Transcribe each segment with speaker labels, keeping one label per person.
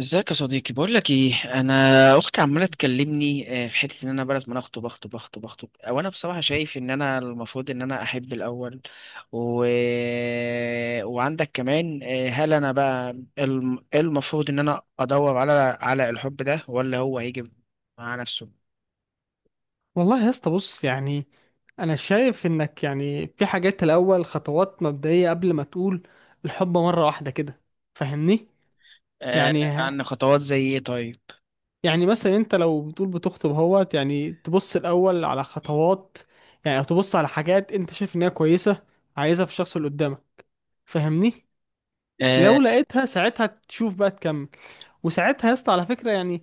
Speaker 1: ازيك يا صديقي، بقول لك ايه. انا اختي عماله تكلمني، في حته ان انا بلد ما انا اخطب اخطب اخطب اخطب، او انا بصراحه شايف ان انا المفروض ان انا احب الاول. و... وعندك كمان، هل انا بقى إيه المفروض ان انا ادور على الحب ده، ولا هو هيجي مع نفسه؟
Speaker 2: والله يا اسطى، بص، يعني انا شايف انك يعني في حاجات الاول خطوات مبدئيه قبل ما تقول الحب مره واحده كده. فاهمني؟
Speaker 1: آه،
Speaker 2: يعني
Speaker 1: عن خطوات زي ايه، طيب.
Speaker 2: يعني، مثلا انت لو بتقول بتخطب اهوت، يعني تبص الاول على خطوات، يعني او تبص على حاجات انت شايف انها كويسه عايزها في الشخص اللي قدامك. فاهمني؟
Speaker 1: آه،
Speaker 2: لو لقيتها ساعتها تشوف بقى تكمل. وساعتها يا اسطى على فكره، يعني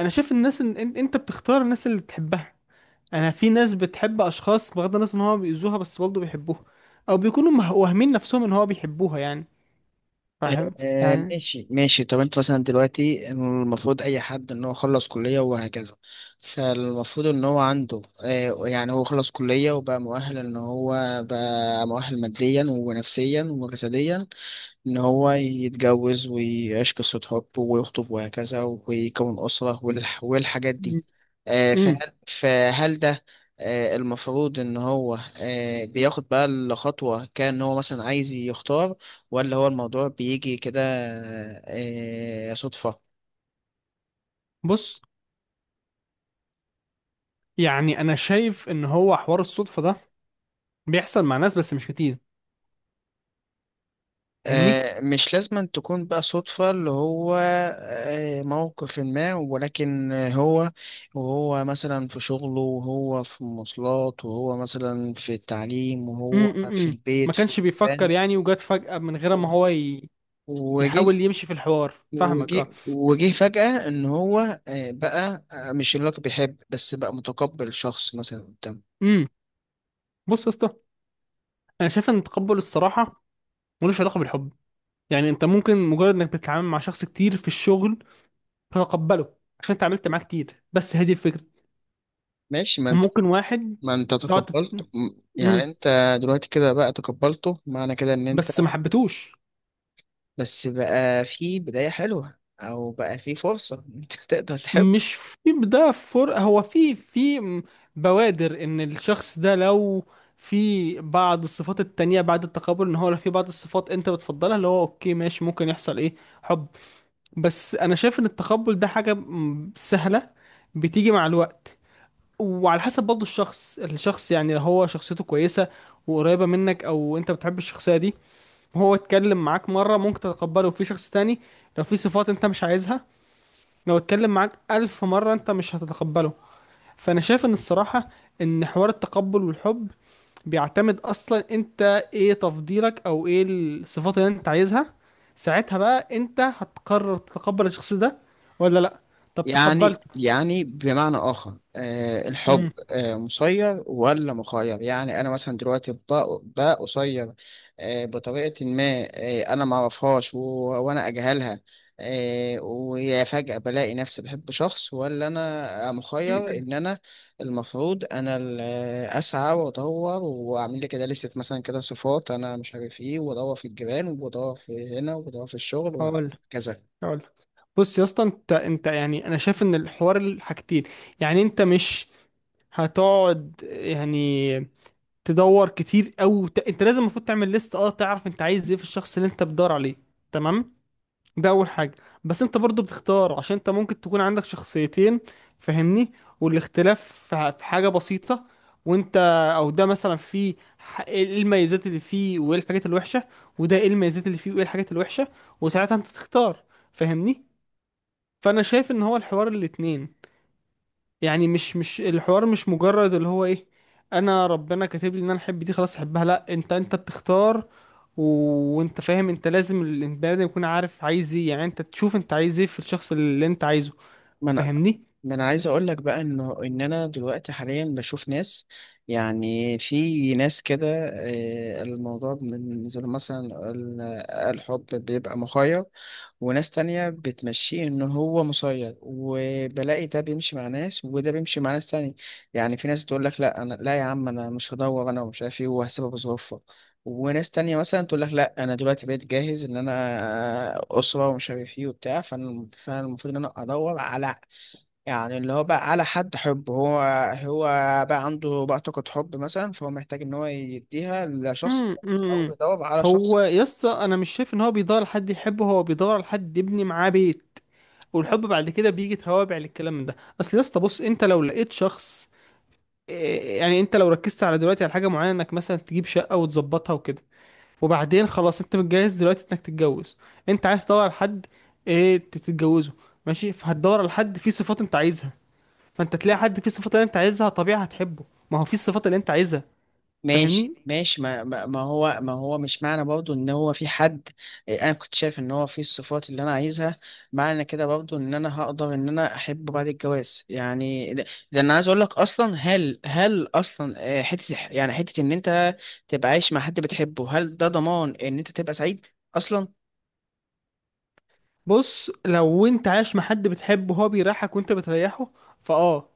Speaker 2: انا شايف الناس ان انت بتختار الناس اللي تحبها. انا في ناس بتحب اشخاص بغض النظر ان هو بيأذوها بس برضه بيحبوها، او بيكونوا واهمين نفسهم ان هو بيحبوها يعني. فاهم؟ يعني.
Speaker 1: ماشي، ماشي. طب انت مثلا دلوقتي، المفروض اي حد ان هو خلص كلية وهكذا. فالمفروض ان هو عنده يعني هو خلص كلية، وبقى مؤهل ان هو بقى مؤهل ماديا ونفسيا وجسديا، إن هو يتجوز ويعيش قصة حب ويخطب وهكذا، ويكون أسرة والحاجات دي.
Speaker 2: امم.
Speaker 1: فهل ده المفروض إن هو بياخد بقى الخطوة، كان هو مثلا عايز يختار، ولا هو الموضوع بيجي كده، صدفة؟
Speaker 2: بص، يعني انا شايف ان هو حوار الصدفة ده بيحصل مع ناس بس مش كتير. فاهمني؟
Speaker 1: مش لازم تكون بقى صدفة، اللي هو موقف ما، ولكن وهو مثلا في شغله، وهو في المواصلات، وهو مثلا في التعليم، وهو في
Speaker 2: امم. ما
Speaker 1: البيت في
Speaker 2: كانش بيفكر
Speaker 1: المكان،
Speaker 2: يعني وجات فجأة من غير ما هو
Speaker 1: وجه
Speaker 2: يحاول يمشي في الحوار، فاهمك؟ اه.
Speaker 1: وجه فجأة، إن هو بقى مش اللي هو كان بيحب، بس بقى متقبل شخص مثلا قدامه.
Speaker 2: امم. بص يا اسطى، انا شايف ان تقبل الصراحة ملوش علاقة بالحب. يعني انت ممكن مجرد انك بتتعامل مع شخص كتير في الشغل هتقبله عشان اتعاملت معاه كتير، بس هذه الفكرة.
Speaker 1: ماشي. ما انت
Speaker 2: وممكن واحد
Speaker 1: ما انت
Speaker 2: تقعد تت-
Speaker 1: تقبلت
Speaker 2: مم.
Speaker 1: يعني انت دلوقتي كده بقى تقبلته، معنى كده ان انت
Speaker 2: بس ما حبيتوش.
Speaker 1: بس بقى في بداية حلوة، أو بقى في فرصة إن أنت تقدر تحب.
Speaker 2: مش في. ده فر، هو في بوادر ان الشخص ده لو في بعض الصفات التانية بعد التقابل، ان هو لو في بعض الصفات انت بتفضلها، اللي هو اوكي ماشي، ممكن يحصل ايه؟ حب. بس انا شايف ان التقبل ده حاجة سهلة، بتيجي مع الوقت. وعلى حسب برضه الشخص، يعني لو هو شخصيته كويسة وقريبة منك او انت بتحب الشخصية دي، هو اتكلم معاك مرة ممكن تتقبله. في شخص تاني لو في صفات انت مش عايزها، لو اتكلم معاك ألف مرة انت مش هتتقبله. فأنا شايف ان الصراحة ان حوار التقبل والحب بيعتمد أصلا انت ايه تفضيلك، او ايه الصفات اللي انت عايزها. ساعتها بقى انت هتقرر تتقبل الشخص ده ولا لأ. طب
Speaker 1: يعني
Speaker 2: تقبلته.
Speaker 1: يعني بمعنى آخر، الحب
Speaker 2: امم.
Speaker 1: مسير ولا مخير، يعني أنا مثلا دلوقتي بقى قصير، بطريقة ما. أنا معرفهاش وأنا أجهلها. ويا فجأة بلاقي نفسي بحب شخص، ولا أنا مخير إن أنا المفروض أنا أسعى وأدور وأعمل لي كده لستة مثلا كده صفات أنا مش عارف إيه، وأدور في الجيران، وأدور في هنا، وأدور في الشغل
Speaker 2: هقول هقول بص يا اسطى، انت يعني انا شايف ان الحوار الحاجتين. يعني انت مش هتقعد يعني تدور كتير أوي، انت لازم المفروض تعمل ليست اه، تعرف انت عايز ايه في الشخص اللي انت بتدور عليه. تمام؟ ده اول حاجه. بس انت برضو بتختار، عشان انت ممكن تكون عندك شخصيتين، فاهمني؟ والاختلاف في في حاجه بسيطه، وانت، او ده مثلا فيه ايه الميزات اللي فيه وايه الحاجات الوحشه، وده ايه الميزات اللي فيه وايه الحاجات الوحشه، وساعتها انت تختار. فاهمني؟ فانا شايف ان هو الحوار الاتنين. يعني مش الحوار مش مجرد اللي هو ايه، انا ربنا كاتب لي ان انا احب دي خلاص احبها. لا، انت بتختار. و... وانت فاهم، انت لازم البني ادم يكون عارف عايز ايه. يعني انت تشوف انت عايز ايه في الشخص اللي انت عايزه.
Speaker 1: وكذا.
Speaker 2: فاهمني؟
Speaker 1: ما انا عايز اقول لك بقى انه ان انا دلوقتي حاليا بشوف ناس، يعني في ناس كده الموضوع بالنسبه لهم مثلا الحب بيبقى مخير، وناس تانية بتمشيه ان هو مسير، وبلاقي ده بيمشي مع ناس وده بيمشي مع ناس تانية. يعني في ناس تقول لك لا، انا لا يا عم، انا مش هدور انا ومش عارف ايه، وهسيبها بظروفها. وناس تانية مثلا تقول لك لا، انا دلوقتي بقيت جاهز ان انا اسرة ومش عارف ايه وبتاع، فانا فأنا المفروض ان انا ادور على، يعني اللي هو بقى على حد حب. هو بقى عنده بقى طاقة حب مثلا، فهو محتاج إن هو يديها لشخص،
Speaker 2: امم.
Speaker 1: أو
Speaker 2: أمم.
Speaker 1: بيدور على شخص.
Speaker 2: هو يسطا، انا مش شايف ان هو بيدور على حد يحبه، هو بيدور على حد يبني معاه بيت. والحب بعد كده بيجي توابع للكلام ده. اصل يسطا بص، انت لو لقيت شخص إيه، يعني انت لو ركزت على دلوقتي على حاجه معينه انك مثلا تجيب شقه وتظبطها وكده، وبعدين خلاص انت متجهز دلوقتي انك تتجوز، انت عايز تدور على حد ايه تتجوزه. ماشي، فهتدور على حد فيه صفات انت عايزها، فانت تلاقي حد فيه الصفات اللي انت عايزها، طبيعي هتحبه. ما هو فيه الصفات اللي انت عايزها.
Speaker 1: ماشي،
Speaker 2: فاهمني؟
Speaker 1: ماشي. ما هو مش معنى برضه إن هو في حد، أنا كنت شايف إن هو في الصفات اللي أنا عايزها، معنى كده برضه إن أنا هقدر إن أنا أحبه بعد الجواز، يعني ده أنا عايز أقول لك أصلا، هل أصلا حتة، يعني حتة إن أنت تبقى عايش مع حد بتحبه، هل ده ضمان إن أنت تبقى سعيد أصلا؟
Speaker 2: بص، لو انت عايش مع حد بتحبه وهو بيريحك وانت بتريحه، فاه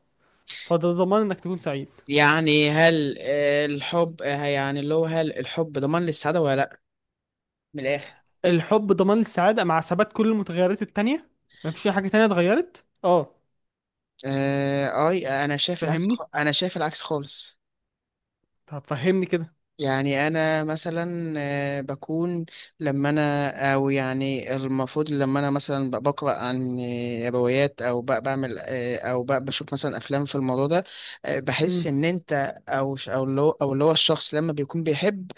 Speaker 2: فده ضمان انك تكون سعيد.
Speaker 1: يعني هل الحب، يعني اللي هو هل الحب ضمان للسعادة ولا لا، من الآخر.
Speaker 2: الحب ضمان السعادة مع ثبات كل المتغيرات التانية. مفيش اي حاجة تانية اتغيرت، اه.
Speaker 1: أي
Speaker 2: فاهمني؟
Speaker 1: أنا شايف العكس خالص.
Speaker 2: طب فهمني
Speaker 1: يعني انا مثلا بكون، لما انا او يعني المفروض لما انا مثلا بقرا عن روايات، او بعمل او بشوف مثلا افلام في الموضوع ده،
Speaker 2: كده.
Speaker 1: بحس ان انت او اللي هو الشخص لما بيكون بيحب،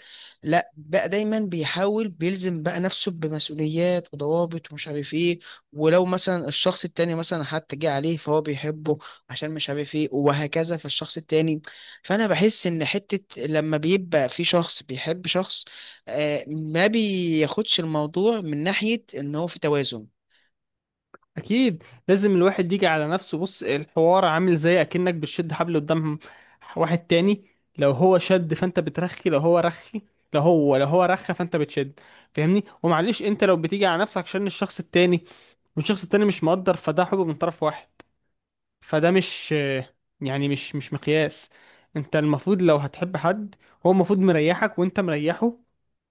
Speaker 1: لا بقى دايما بيحاول بيلزم بقى نفسه بمسؤوليات وضوابط ومش عارف ايه. ولو مثلا الشخص التاني مثلا حتى جه عليه فهو بيحبه عشان مش عارف ايه وهكذا في الشخص التاني. فانا بحس ان حتة لما بيبقى في شخص بيحب شخص، ما بياخدش الموضوع من ناحية ان هو في توازن.
Speaker 2: اكيد لازم الواحد يجي على نفسه. بص، الحوار عامل زي اكنك بتشد حبل قدام واحد تاني. لو هو شد فانت بترخي، لو هو رخي، لو هو رخى فانت بتشد. فاهمني؟ ومعلش انت لو بتيجي على نفسك عشان الشخص التاني والشخص التاني مش مقدر، فده حب من طرف واحد. فده مش يعني، مش مقياس. انت المفروض لو هتحب حد، هو المفروض مريحك وانت مريحه.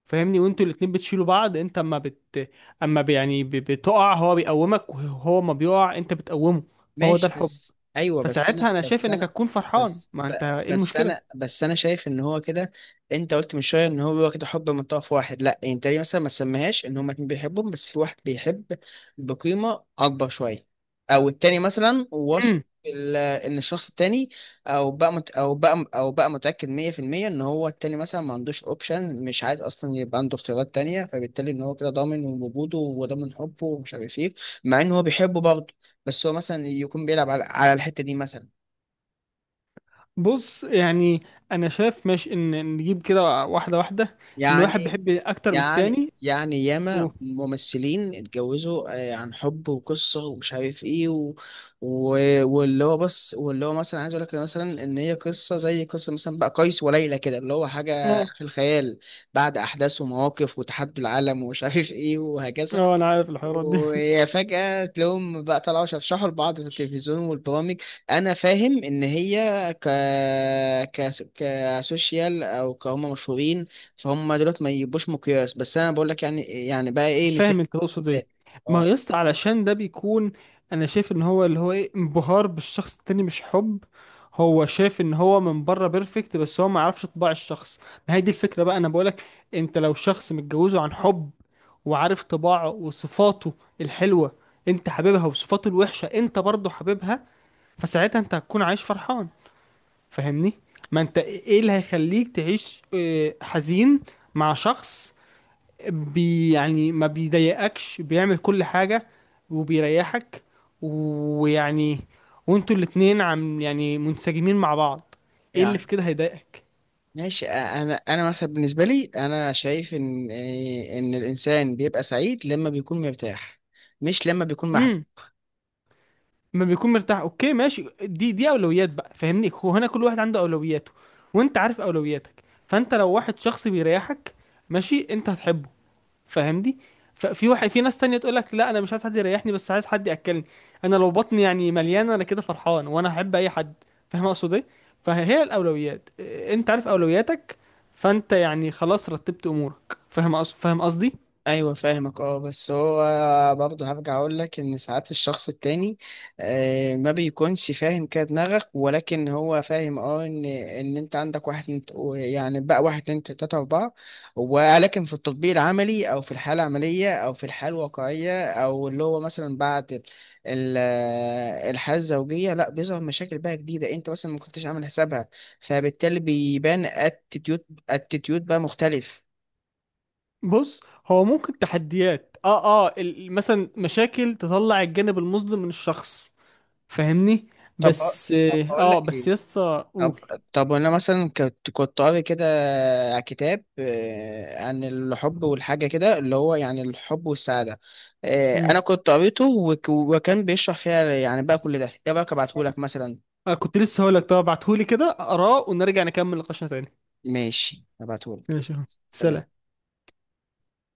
Speaker 2: فاهمني؟ وانتوا الاتنين بتشيلوا بعض. انت اما اما يعني بتقع هو بيقومك، وهو ما بيقع انت بتقومه. فهو ده
Speaker 1: ماشي،
Speaker 2: الحب.
Speaker 1: بس ايوه،
Speaker 2: فساعتها انا شايف انك هتكون فرحان.
Speaker 1: بس
Speaker 2: ما
Speaker 1: ب...
Speaker 2: انت ايه
Speaker 1: بس انا
Speaker 2: المشكلة؟
Speaker 1: بس انا شايف ان هو كده. انت قلت من شويه ان هو كده حب من طرف واحد. لا انت ليه مثلا ما تسميهاش ان هما اتنين بيحبهم، بس في واحد بيحب بقيمه اكبر شويه، او التاني مثلا واثق
Speaker 2: امم.
Speaker 1: ان الشخص التاني، او بقى مت... او بقى او بقى متاكد 100% ان هو التاني مثلا ما عندوش اوبشن، مش عايز اصلا يبقى عنده اختيارات تانية، فبالتالي ان هو كده ضامن وجوده وضامن حبه ومش عارف ايه، مع ان هو بيحبه برضه. بس هو مثلا يكون بيلعب على الحتة دي مثلا.
Speaker 2: بص، يعني انا شايف ماشي، ان نجيب كده واحدة واحدة ان واحد
Speaker 1: يعني
Speaker 2: بيحب اكتر من
Speaker 1: يعني
Speaker 2: التاني.
Speaker 1: يعني
Speaker 2: و...
Speaker 1: ياما ممثلين اتجوزوا عن حب وقصة ومش عارف ايه و... واللي هو بص، واللي هو مثلا عايز اقول لك مثلا ان هي قصة زي قصة مثلا بقى قيس وليلى كده، اللي هو حاجة
Speaker 2: اه،
Speaker 1: في الخيال، بعد احداث ومواقف وتحدي العالم ومش عارف ايه وهكذا.
Speaker 2: اه، انا عارف الحوارات دي.
Speaker 1: ويا فجأة تلاقيهم بقى طلعوا شرشحوا لبعض في التلفزيون والبرامج. أنا فاهم إن هي ك... كسوشيال أو كهم مشهورين، فهم دولت ما يبقوش مقياس، بس أنا بقول لك، يعني بقى إيه مثال؟
Speaker 2: فاهم انت تقصد ايه. ما
Speaker 1: أه،
Speaker 2: يا اسطى علشان ده بيكون، انا شايف ان هو اللي هو ايه، انبهار بالشخص التاني مش حب. هو شايف ان هو من بره بيرفكت بس هو ما يعرفش طباع الشخص. ما هي دي الفكره بقى انا بقولك، انت لو شخص متجوزه عن حب وعارف طباعه وصفاته الحلوه انت حاببها وصفاته الوحشه انت برضه حاببها، فساعتها انت هتكون عايش فرحان. فاهمني؟ ما انت ايه اللي هيخليك تعيش حزين مع شخص يعني ما بيضايقكش، بيعمل كل حاجة وبيريحك، ويعني وانتوا الاتنين عم يعني منسجمين مع بعض. ايه اللي في
Speaker 1: يعني
Speaker 2: كده هيضايقك؟
Speaker 1: ماشي. أنا مثلا بالنسبة لي أنا شايف إن الإنسان بيبقى سعيد لما بيكون مرتاح، مش لما بيكون محبوب.
Speaker 2: امم. ما بيكون مرتاح اوكي ماشي، دي اولويات بقى. فاهمني؟ هو هنا كل واحد عنده اولوياته. وانت عارف اولوياتك. فانت لو واحد شخص بيريحك ماشي، انت هتحبه. فاهمني؟ ففي واحد، في ناس تانية تقول لك لا انا مش عايز حد يريحني بس عايز حد ياكلني. انا لو بطني يعني مليانه انا كده فرحان، وانا احب اي حد. فاهم اقصد ايه؟ فهي الاولويات إيه، انت عارف اولوياتك. فانت يعني خلاص رتبت امورك. فاهم أقصد؟ فاهم قصدي؟
Speaker 1: ايوه، فاهمك اه. بس هو برضه هرجع اقول لك ان ساعات الشخص التاني ما بيكونش فاهم كده دماغك، ولكن هو فاهم اه ان انت عندك واحد اتنين يعني بقى واحد اتنين تلاته اربعه. ولكن في التطبيق العملي، او في الحاله العمليه، او في الحاله الواقعيه، او اللي هو مثلا بعد ال- الحاله الزوجيه، لا بيظهر مشاكل بقى جديده انت مثلا ما كنتش عامل حسابها، فبالتالي بيبان اتيتيود بقى مختلف.
Speaker 2: بص، هو ممكن تحديات اه، اه، مثلا مشاكل تطلع الجانب المظلم من الشخص. فاهمني؟
Speaker 1: طب
Speaker 2: بس
Speaker 1: طب
Speaker 2: اه،
Speaker 1: هقول
Speaker 2: آه،
Speaker 1: لك
Speaker 2: بس
Speaker 1: ايه.
Speaker 2: يا اسطى
Speaker 1: طب
Speaker 2: قول.
Speaker 1: طب انا مثلا كنت قاري كده كتاب عن الحب والحاجه كده، اللي هو يعني الحب والسعاده.
Speaker 2: مم.
Speaker 1: انا كنت قريته وكان بيشرح فيها، يعني بقى كل ده، ايه رايك ابعتهولك مثلا؟
Speaker 2: آه، كنت لسه هقول لك طب ابعتهولي كده اقراه، ونرجع نكمل نقاشنا تاني.
Speaker 1: ماشي، ابعتهولك.
Speaker 2: ماشي.
Speaker 1: سلام.
Speaker 2: سلام.